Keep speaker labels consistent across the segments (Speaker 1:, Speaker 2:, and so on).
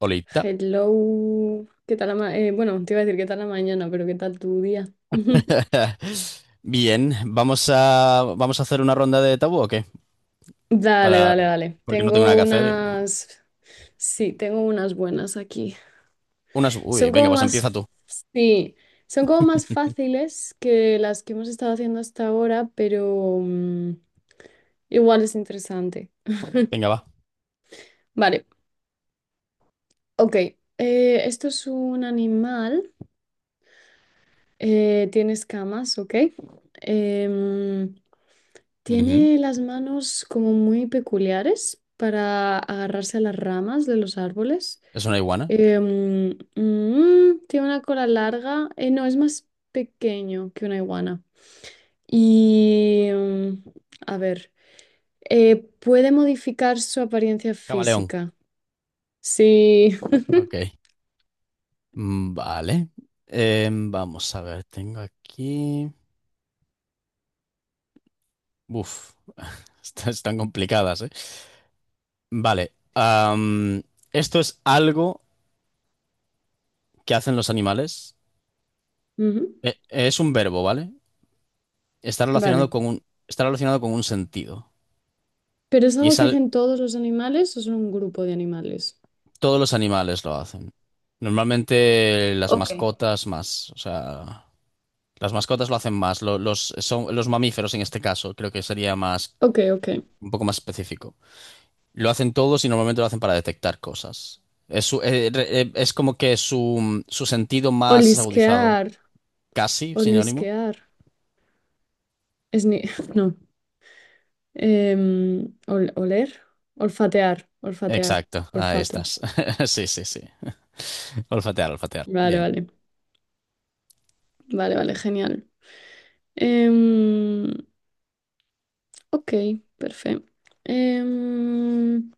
Speaker 1: Olita.
Speaker 2: Hello, ¿qué tal la te iba a decir qué tal la mañana, pero qué tal tu día.
Speaker 1: Bien, vamos a hacer una ronda de tabú o qué?
Speaker 2: Dale,
Speaker 1: Para,
Speaker 2: dale, dale.
Speaker 1: porque no tengo nada que hacer.
Speaker 2: Tengo unas buenas aquí.
Speaker 1: Unas, uy,
Speaker 2: Son
Speaker 1: venga,
Speaker 2: como
Speaker 1: pues empieza
Speaker 2: más,
Speaker 1: tú.
Speaker 2: sí, son como más fáciles que las que hemos estado haciendo hasta ahora, pero igual es interesante.
Speaker 1: Venga, va.
Speaker 2: Vale, ok. Esto es un animal. Tiene escamas. Ok. Em,
Speaker 1: Ujú.
Speaker 2: Tiene las manos como muy peculiares para agarrarse a las ramas de los árboles.
Speaker 1: Es una iguana.
Speaker 2: Tiene una cola larga. No, es más pequeño que una iguana. Y, em, a ver, Puede modificar su apariencia
Speaker 1: Camaleón.
Speaker 2: física. Sí.
Speaker 1: Ok. Vale. Vamos a ver, tengo aquí. Uf, estas están complicadas, ¿eh? Vale. Esto es algo que hacen los animales.
Speaker 2: Ujú.
Speaker 1: Es un verbo, ¿vale?
Speaker 2: Vale.
Speaker 1: Está relacionado con un sentido.
Speaker 2: ¿Pero es
Speaker 1: Y
Speaker 2: algo
Speaker 1: es,
Speaker 2: que
Speaker 1: al-
Speaker 2: hacen todos los animales o son un grupo de animales?
Speaker 1: Todos los animales lo hacen. Normalmente las
Speaker 2: Ok.
Speaker 1: mascotas más, o sea, las mascotas lo hacen más. Los mamíferos en este caso, creo que sería más,
Speaker 2: Ok, ok.
Speaker 1: un poco más específico. Lo hacen todos y normalmente lo hacen para detectar cosas. Es como que su sentido más agudizado,
Speaker 2: Olisquear,
Speaker 1: casi sinónimo.
Speaker 2: olisquear. Es ni... No. Oler, olfatear, olfatear,
Speaker 1: Exacto, ahí
Speaker 2: olfato.
Speaker 1: estás. Sí, sí, sí. Olfatear, olfatear.
Speaker 2: Vale,
Speaker 1: Bien,
Speaker 2: vale, vale, vale, genial. Em, ok, perfecto. Em,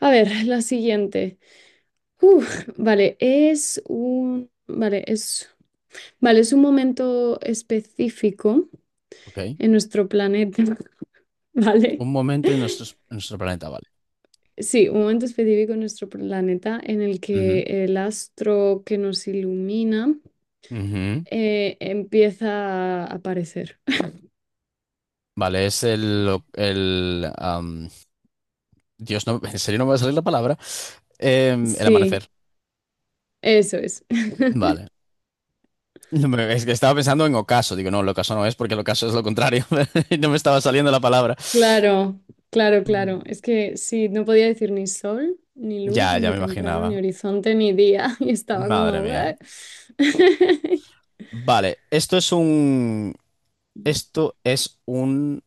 Speaker 2: a ver, la siguiente. Uf, vale, es un momento específico
Speaker 1: ok.
Speaker 2: en nuestro planeta, ¿vale?
Speaker 1: Un momento en nuestros- En nuestro planeta, vale.
Speaker 2: Sí, un momento específico en nuestro planeta en el que
Speaker 1: Ujú,
Speaker 2: el astro que nos ilumina
Speaker 1: ujú.
Speaker 2: eh, empieza a aparecer.
Speaker 1: Vale, es el, el Dios, no, en serio no me va a salir la palabra. El
Speaker 2: Sí,
Speaker 1: amanecer.
Speaker 2: eso es.
Speaker 1: Vale. No Me- Es que estaba pensando en ocaso. Digo, no, el ocaso no es porque el ocaso es lo contrario. No me estaba saliendo la palabra.
Speaker 2: Claro, claro, claro. Es que sí, no podía decir ni sol, ni luz,
Speaker 1: Ya, ya
Speaker 2: ni
Speaker 1: me
Speaker 2: temprano, ni
Speaker 1: imaginaba.
Speaker 2: horizonte, ni día. Y estaba
Speaker 1: Madre
Speaker 2: como...
Speaker 1: mía.
Speaker 2: "What?".
Speaker 1: Vale, esto es un. Esto es un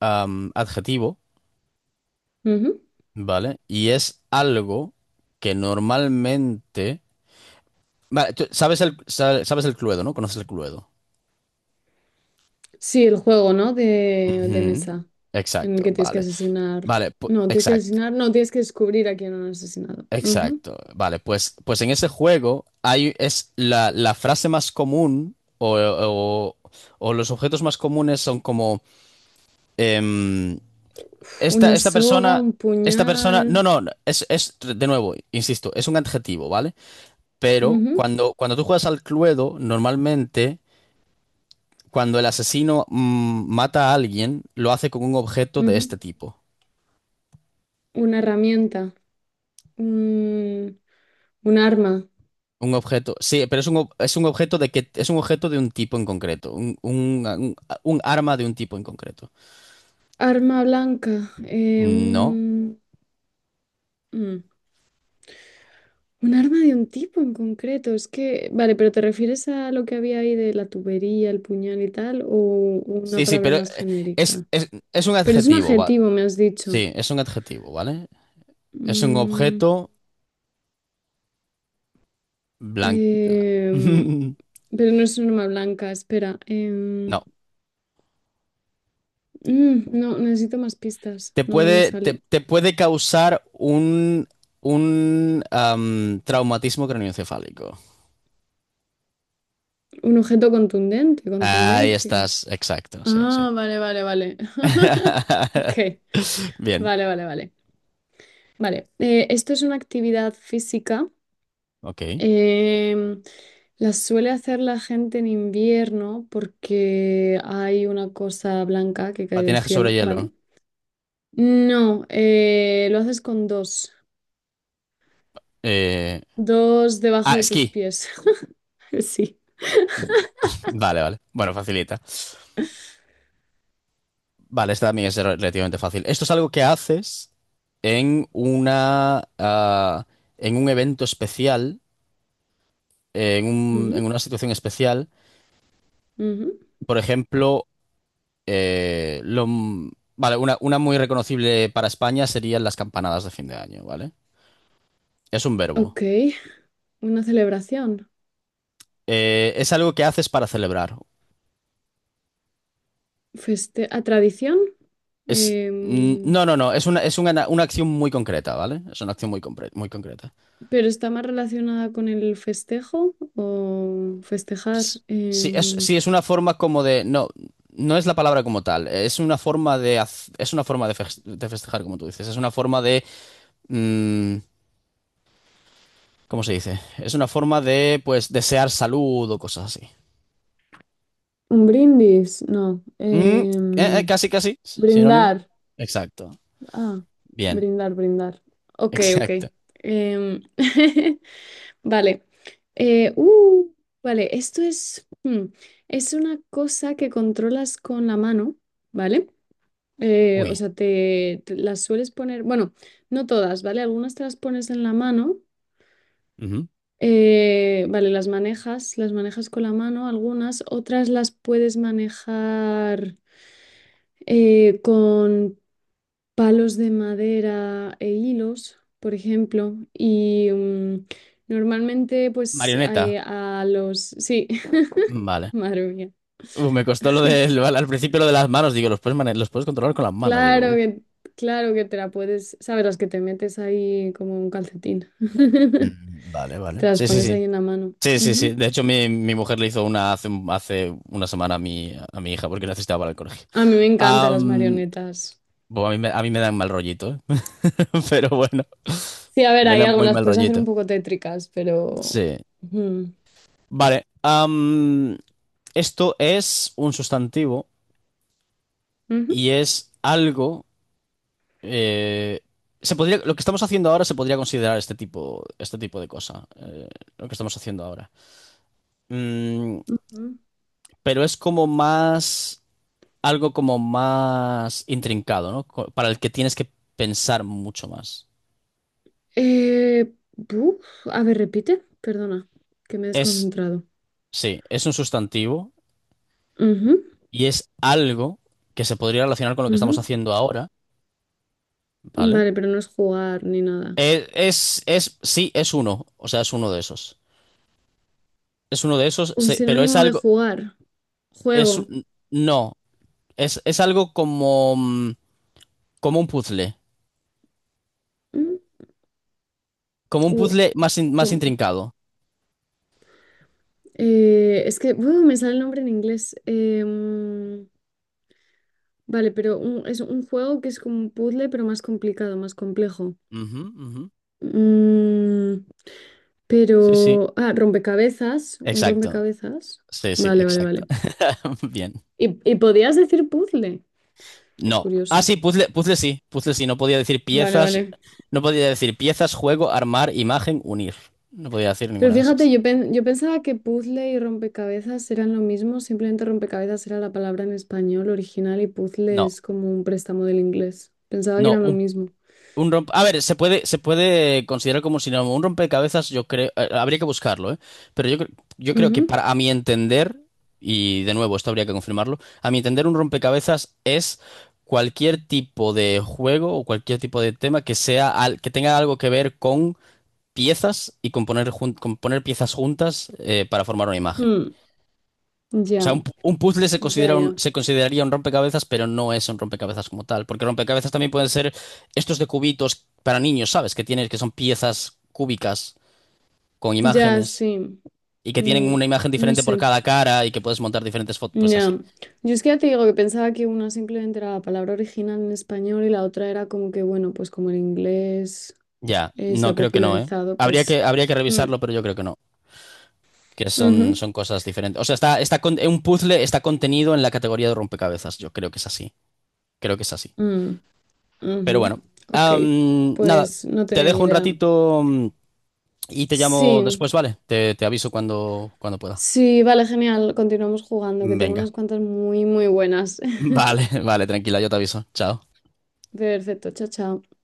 Speaker 1: adjetivo,
Speaker 2: Ujú.
Speaker 1: ¿vale? Y es algo que normalmente. Vale, tú sabes el, sa- sabes el Cluedo, ¿no? Conoces el Cluedo.
Speaker 2: Sí, el juego, ¿no? De
Speaker 1: Ujú,
Speaker 2: mesa, en el
Speaker 1: exacto,
Speaker 2: que tienes que
Speaker 1: vale.
Speaker 2: asesinar.
Speaker 1: Vale, pu-
Speaker 2: No, tienes que
Speaker 1: exacto,
Speaker 2: asesinar, no, tienes que descubrir a quién han asesinado. Ujú.
Speaker 1: exacto. Vale, pues, pues en ese juego hay, la frase más común o los objetos más comunes son como em,
Speaker 2: Uf, una
Speaker 1: esta, esta
Speaker 2: soga,
Speaker 1: persona,
Speaker 2: un
Speaker 1: esta
Speaker 2: puñal.
Speaker 1: persona, no, no, no, es, de nuevo, insisto, es un adjetivo, ¿vale? Pero
Speaker 2: Ujú,
Speaker 1: cuando tú juegas al Cluedo, normalmente cuando el asesino mata a alguien, lo hace con un objeto de
Speaker 2: ujú.
Speaker 1: este tipo.
Speaker 2: Una herramienta, un, un arma,
Speaker 1: Un objeto, sí, pero es un objeto de que es un objeto de un tipo en concreto, un arma de un tipo en concreto.
Speaker 2: arma blanca,
Speaker 1: ¿No?
Speaker 2: mm, un arma de un tipo en concreto. Es que, vale, pero ¿te refieres a lo que había ahí de la tubería, el puñal y tal, o una
Speaker 1: Sí, sí,
Speaker 2: palabra
Speaker 1: pero
Speaker 2: más genérica?
Speaker 1: es un
Speaker 2: Pero es un
Speaker 1: adjetivo, va.
Speaker 2: adjetivo, me has dicho.
Speaker 1: Sí, es un adjetivo, ¿vale? Es un
Speaker 2: Mm,
Speaker 1: objeto blanco.
Speaker 2: em, pero no es un arma blanca, espera.
Speaker 1: No.
Speaker 2: No, necesito más pistas, no me sale.
Speaker 1: Te puede causar un traumatismo craneoencefálico.
Speaker 2: Un objeto contundente,
Speaker 1: Ahí
Speaker 2: contundencia.
Speaker 1: estás, exacto, sí, sí.
Speaker 2: Ah, vale, vale, vale. Ok,
Speaker 1: Bien,
Speaker 2: vale, vale, vale. Vale, Esto es una actividad física.
Speaker 1: ok.
Speaker 2: em, la suele hacer la gente en invierno porque hay una cosa blanca que cae del
Speaker 1: Patinaje sobre
Speaker 2: cielo,
Speaker 1: hielo.
Speaker 2: ¿vale? No, Lo haces con dos.
Speaker 1: Eh,
Speaker 2: Dos
Speaker 1: ah,
Speaker 2: debajo de tus
Speaker 1: esquí.
Speaker 2: pies. Sí.
Speaker 1: Vale, vale. Bueno, facilita. Vale, esta también es relativamente fácil. Esto es algo que haces en una, ah, en un evento especial, en
Speaker 2: Ujú,
Speaker 1: una situación especial.
Speaker 2: ujú.
Speaker 1: Por ejemplo, eh, lo, m- vale, una muy reconocible para España serían las campanadas de fin de año, ¿vale? Es un verbo.
Speaker 2: Ok, una celebración.
Speaker 1: Es algo que haces para celebrar.
Speaker 2: Feste ¿a tradición?
Speaker 1: Es, mm,
Speaker 2: Em,
Speaker 1: no, no, no. Una acción muy concreta, ¿vale? Es una acción muy, muy concreta.
Speaker 2: ¿Pero está más relacionada con el festejo o festejar?
Speaker 1: Sí, es una forma como de. No, no es la palabra como tal. Es una forma de. Es una forma de festejar, como tú dices. Es una forma de. Mm, ¿cómo se dice? Es una forma de, pues, desear salud o cosas así.
Speaker 2: Un brindis, no.
Speaker 1: Mm, eh, Casi, casi. Sinónimo.
Speaker 2: Brindar.
Speaker 1: Exacto.
Speaker 2: Ah,
Speaker 1: Bien.
Speaker 2: brindar, brindar. Ok, ok.
Speaker 1: Exacto.
Speaker 2: Em, vale. Eh, uh, vale, esto es, hmm, es una cosa que controlas con la mano, ¿vale?
Speaker 1: Uy.
Speaker 2: Te las sueles poner, bueno, no todas, ¿vale? Algunas te las pones en la mano.
Speaker 1: Ujú.
Speaker 2: Vale, las manejas con la mano, algunas, otras las puedes manejar con palos de madera e hilos, por ejemplo, y normalmente pues
Speaker 1: Marioneta.
Speaker 2: eh, a los... Sí,
Speaker 1: Vale.
Speaker 2: madre mía.
Speaker 1: Uf, me costó al principio lo de las manos. Digo, los puedes controlar con las manos. Digo,
Speaker 2: Claro
Speaker 1: uy.
Speaker 2: que, claro que te la puedes, ¿sabes? Las que te metes ahí como un calcetín, que
Speaker 1: Mm, vale,
Speaker 2: te
Speaker 1: vale.
Speaker 2: las
Speaker 1: Sí, sí,
Speaker 2: pones ahí
Speaker 1: sí.
Speaker 2: en la mano.
Speaker 1: Sí, sí, sí.
Speaker 2: Ujú.
Speaker 1: De hecho, mi mujer le hizo una hace una semana a a mi hija porque necesitaba para el colegio.
Speaker 2: A mí me encantan las
Speaker 1: Am,
Speaker 2: marionetas.
Speaker 1: bueno, a mí me dan mal rollito, ¿eh? Pero bueno,
Speaker 2: Sí, a ver,
Speaker 1: me
Speaker 2: hay
Speaker 1: dan
Speaker 2: algo,
Speaker 1: muy
Speaker 2: las
Speaker 1: mal
Speaker 2: puedes hacer un
Speaker 1: rollito.
Speaker 2: poco tétricas, pero...
Speaker 1: Sí.
Speaker 2: mm.
Speaker 1: Vale. Esto es un sustantivo
Speaker 2: Ujú.
Speaker 1: y es algo... eh, Se podría, lo que estamos haciendo ahora se podría considerar este tipo de cosa. Lo que estamos haciendo ahora. Mm,
Speaker 2: Ujú.
Speaker 1: pero es como más... algo como más intrincado, ¿no? Para el que tienes que pensar mucho más.
Speaker 2: A ver, repite, perdona, que me he
Speaker 1: Es,
Speaker 2: desconcentrado.
Speaker 1: sí, es un sustantivo
Speaker 2: Ujú,
Speaker 1: y es algo que se podría relacionar con lo que estamos
Speaker 2: ujú.
Speaker 1: haciendo ahora, ¿vale?
Speaker 2: Vale, pero no es jugar ni nada.
Speaker 1: Sí, es uno, o sea, es uno de esos. Es uno de esos,
Speaker 2: Un
Speaker 1: pero es
Speaker 2: sinónimo de
Speaker 1: algo,
Speaker 2: jugar,
Speaker 1: es,
Speaker 2: juego.
Speaker 1: un- no, es algo como, mm, como un puzzle,
Speaker 2: Mm,
Speaker 1: como un
Speaker 2: u-
Speaker 1: puzzle más, más
Speaker 2: ¿cómo?
Speaker 1: intrincado.
Speaker 2: Eh, Es que buh, me sale el nombre en inglés. Es un juego que es como un puzzle, pero más complicado, más complejo.
Speaker 1: Ujú, ujú.
Speaker 2: Mm,
Speaker 1: Sí, sí,
Speaker 2: Rompecabezas, un
Speaker 1: exacto.
Speaker 2: rompecabezas.
Speaker 1: Sí, sí,
Speaker 2: Vale, vale,
Speaker 1: exacto.
Speaker 2: vale.
Speaker 1: Bien.
Speaker 2: ¿Y podías decir puzzle? Qué
Speaker 1: No. Ah,
Speaker 2: curioso.
Speaker 1: sí, puzzle, puzzle sí, puzzle sí. No podía decir
Speaker 2: Vale,
Speaker 1: piezas,
Speaker 2: vale.
Speaker 1: no podía decir piezas, juego, armar, imagen, unir. No podía decir
Speaker 2: Pero
Speaker 1: ninguna de
Speaker 2: fíjate,
Speaker 1: esas.
Speaker 2: yo pensaba que puzzle y rompecabezas eran lo mismo, simplemente rompecabezas era la palabra en español original y puzzle
Speaker 1: No,
Speaker 2: es como un préstamo del inglés. Pensaba que
Speaker 1: no,
Speaker 2: eran lo
Speaker 1: Un,
Speaker 2: mismo.
Speaker 1: A ver, se puede considerar como un sinónimo. Un rompecabezas, yo creo, habría que buscarlo, ¿eh? Pero yo creo que
Speaker 2: Ujú.
Speaker 1: para, a mi entender, y de nuevo, esto habría que confirmarlo, a mi entender, un rompecabezas es cualquier tipo de juego o cualquier tipo de tema que sea, que tenga algo que ver con piezas y componer, componer piezas juntas para formar una imagen.
Speaker 2: Mm.
Speaker 1: O sea,
Speaker 2: Ya,
Speaker 1: un puzzle se
Speaker 2: ya,
Speaker 1: considera
Speaker 2: ya.
Speaker 1: se consideraría un rompecabezas, pero no es un rompecabezas como tal, porque rompecabezas también pueden ser estos de cubitos para niños, ¿sabes? Que tienen, que son piezas cúbicas con
Speaker 2: Ya,
Speaker 1: imágenes
Speaker 2: sí.
Speaker 1: y que tienen
Speaker 2: Mm,
Speaker 1: una imagen
Speaker 2: no
Speaker 1: diferente por
Speaker 2: sé.
Speaker 1: cada cara y que puedes montar diferentes fotos, pues así.
Speaker 2: Ya. Yo es que ya te digo que pensaba que una simplemente era la palabra original en español y la otra era como que, bueno, pues como el inglés
Speaker 1: Ya,
Speaker 2: se
Speaker 1: no
Speaker 2: ha
Speaker 1: creo que no, ¿eh?
Speaker 2: popularizado, pues...
Speaker 1: Habría que
Speaker 2: mm,
Speaker 1: revisarlo, pero yo creo que no, que son,
Speaker 2: ujú,
Speaker 1: son cosas diferentes. O sea, un puzzle está contenido en la categoría de rompecabezas, yo creo que es así, creo que es así.
Speaker 2: mm,
Speaker 1: Pero
Speaker 2: ujú.
Speaker 1: bueno,
Speaker 2: Ok,
Speaker 1: am, nada,
Speaker 2: pues no
Speaker 1: te
Speaker 2: tenía ni
Speaker 1: dejo un
Speaker 2: idea.
Speaker 1: ratito mm, y te llamo
Speaker 2: Sí,
Speaker 1: después, ¿vale? Te aviso cuando, cuando pueda.
Speaker 2: sí, vale, genial. Continuamos jugando, que tengo
Speaker 1: Venga.
Speaker 2: unas cuantas muy, muy buenas.
Speaker 1: Vale, vale, tranquila, yo te aviso. Chao.
Speaker 2: Perfecto, chao, chao.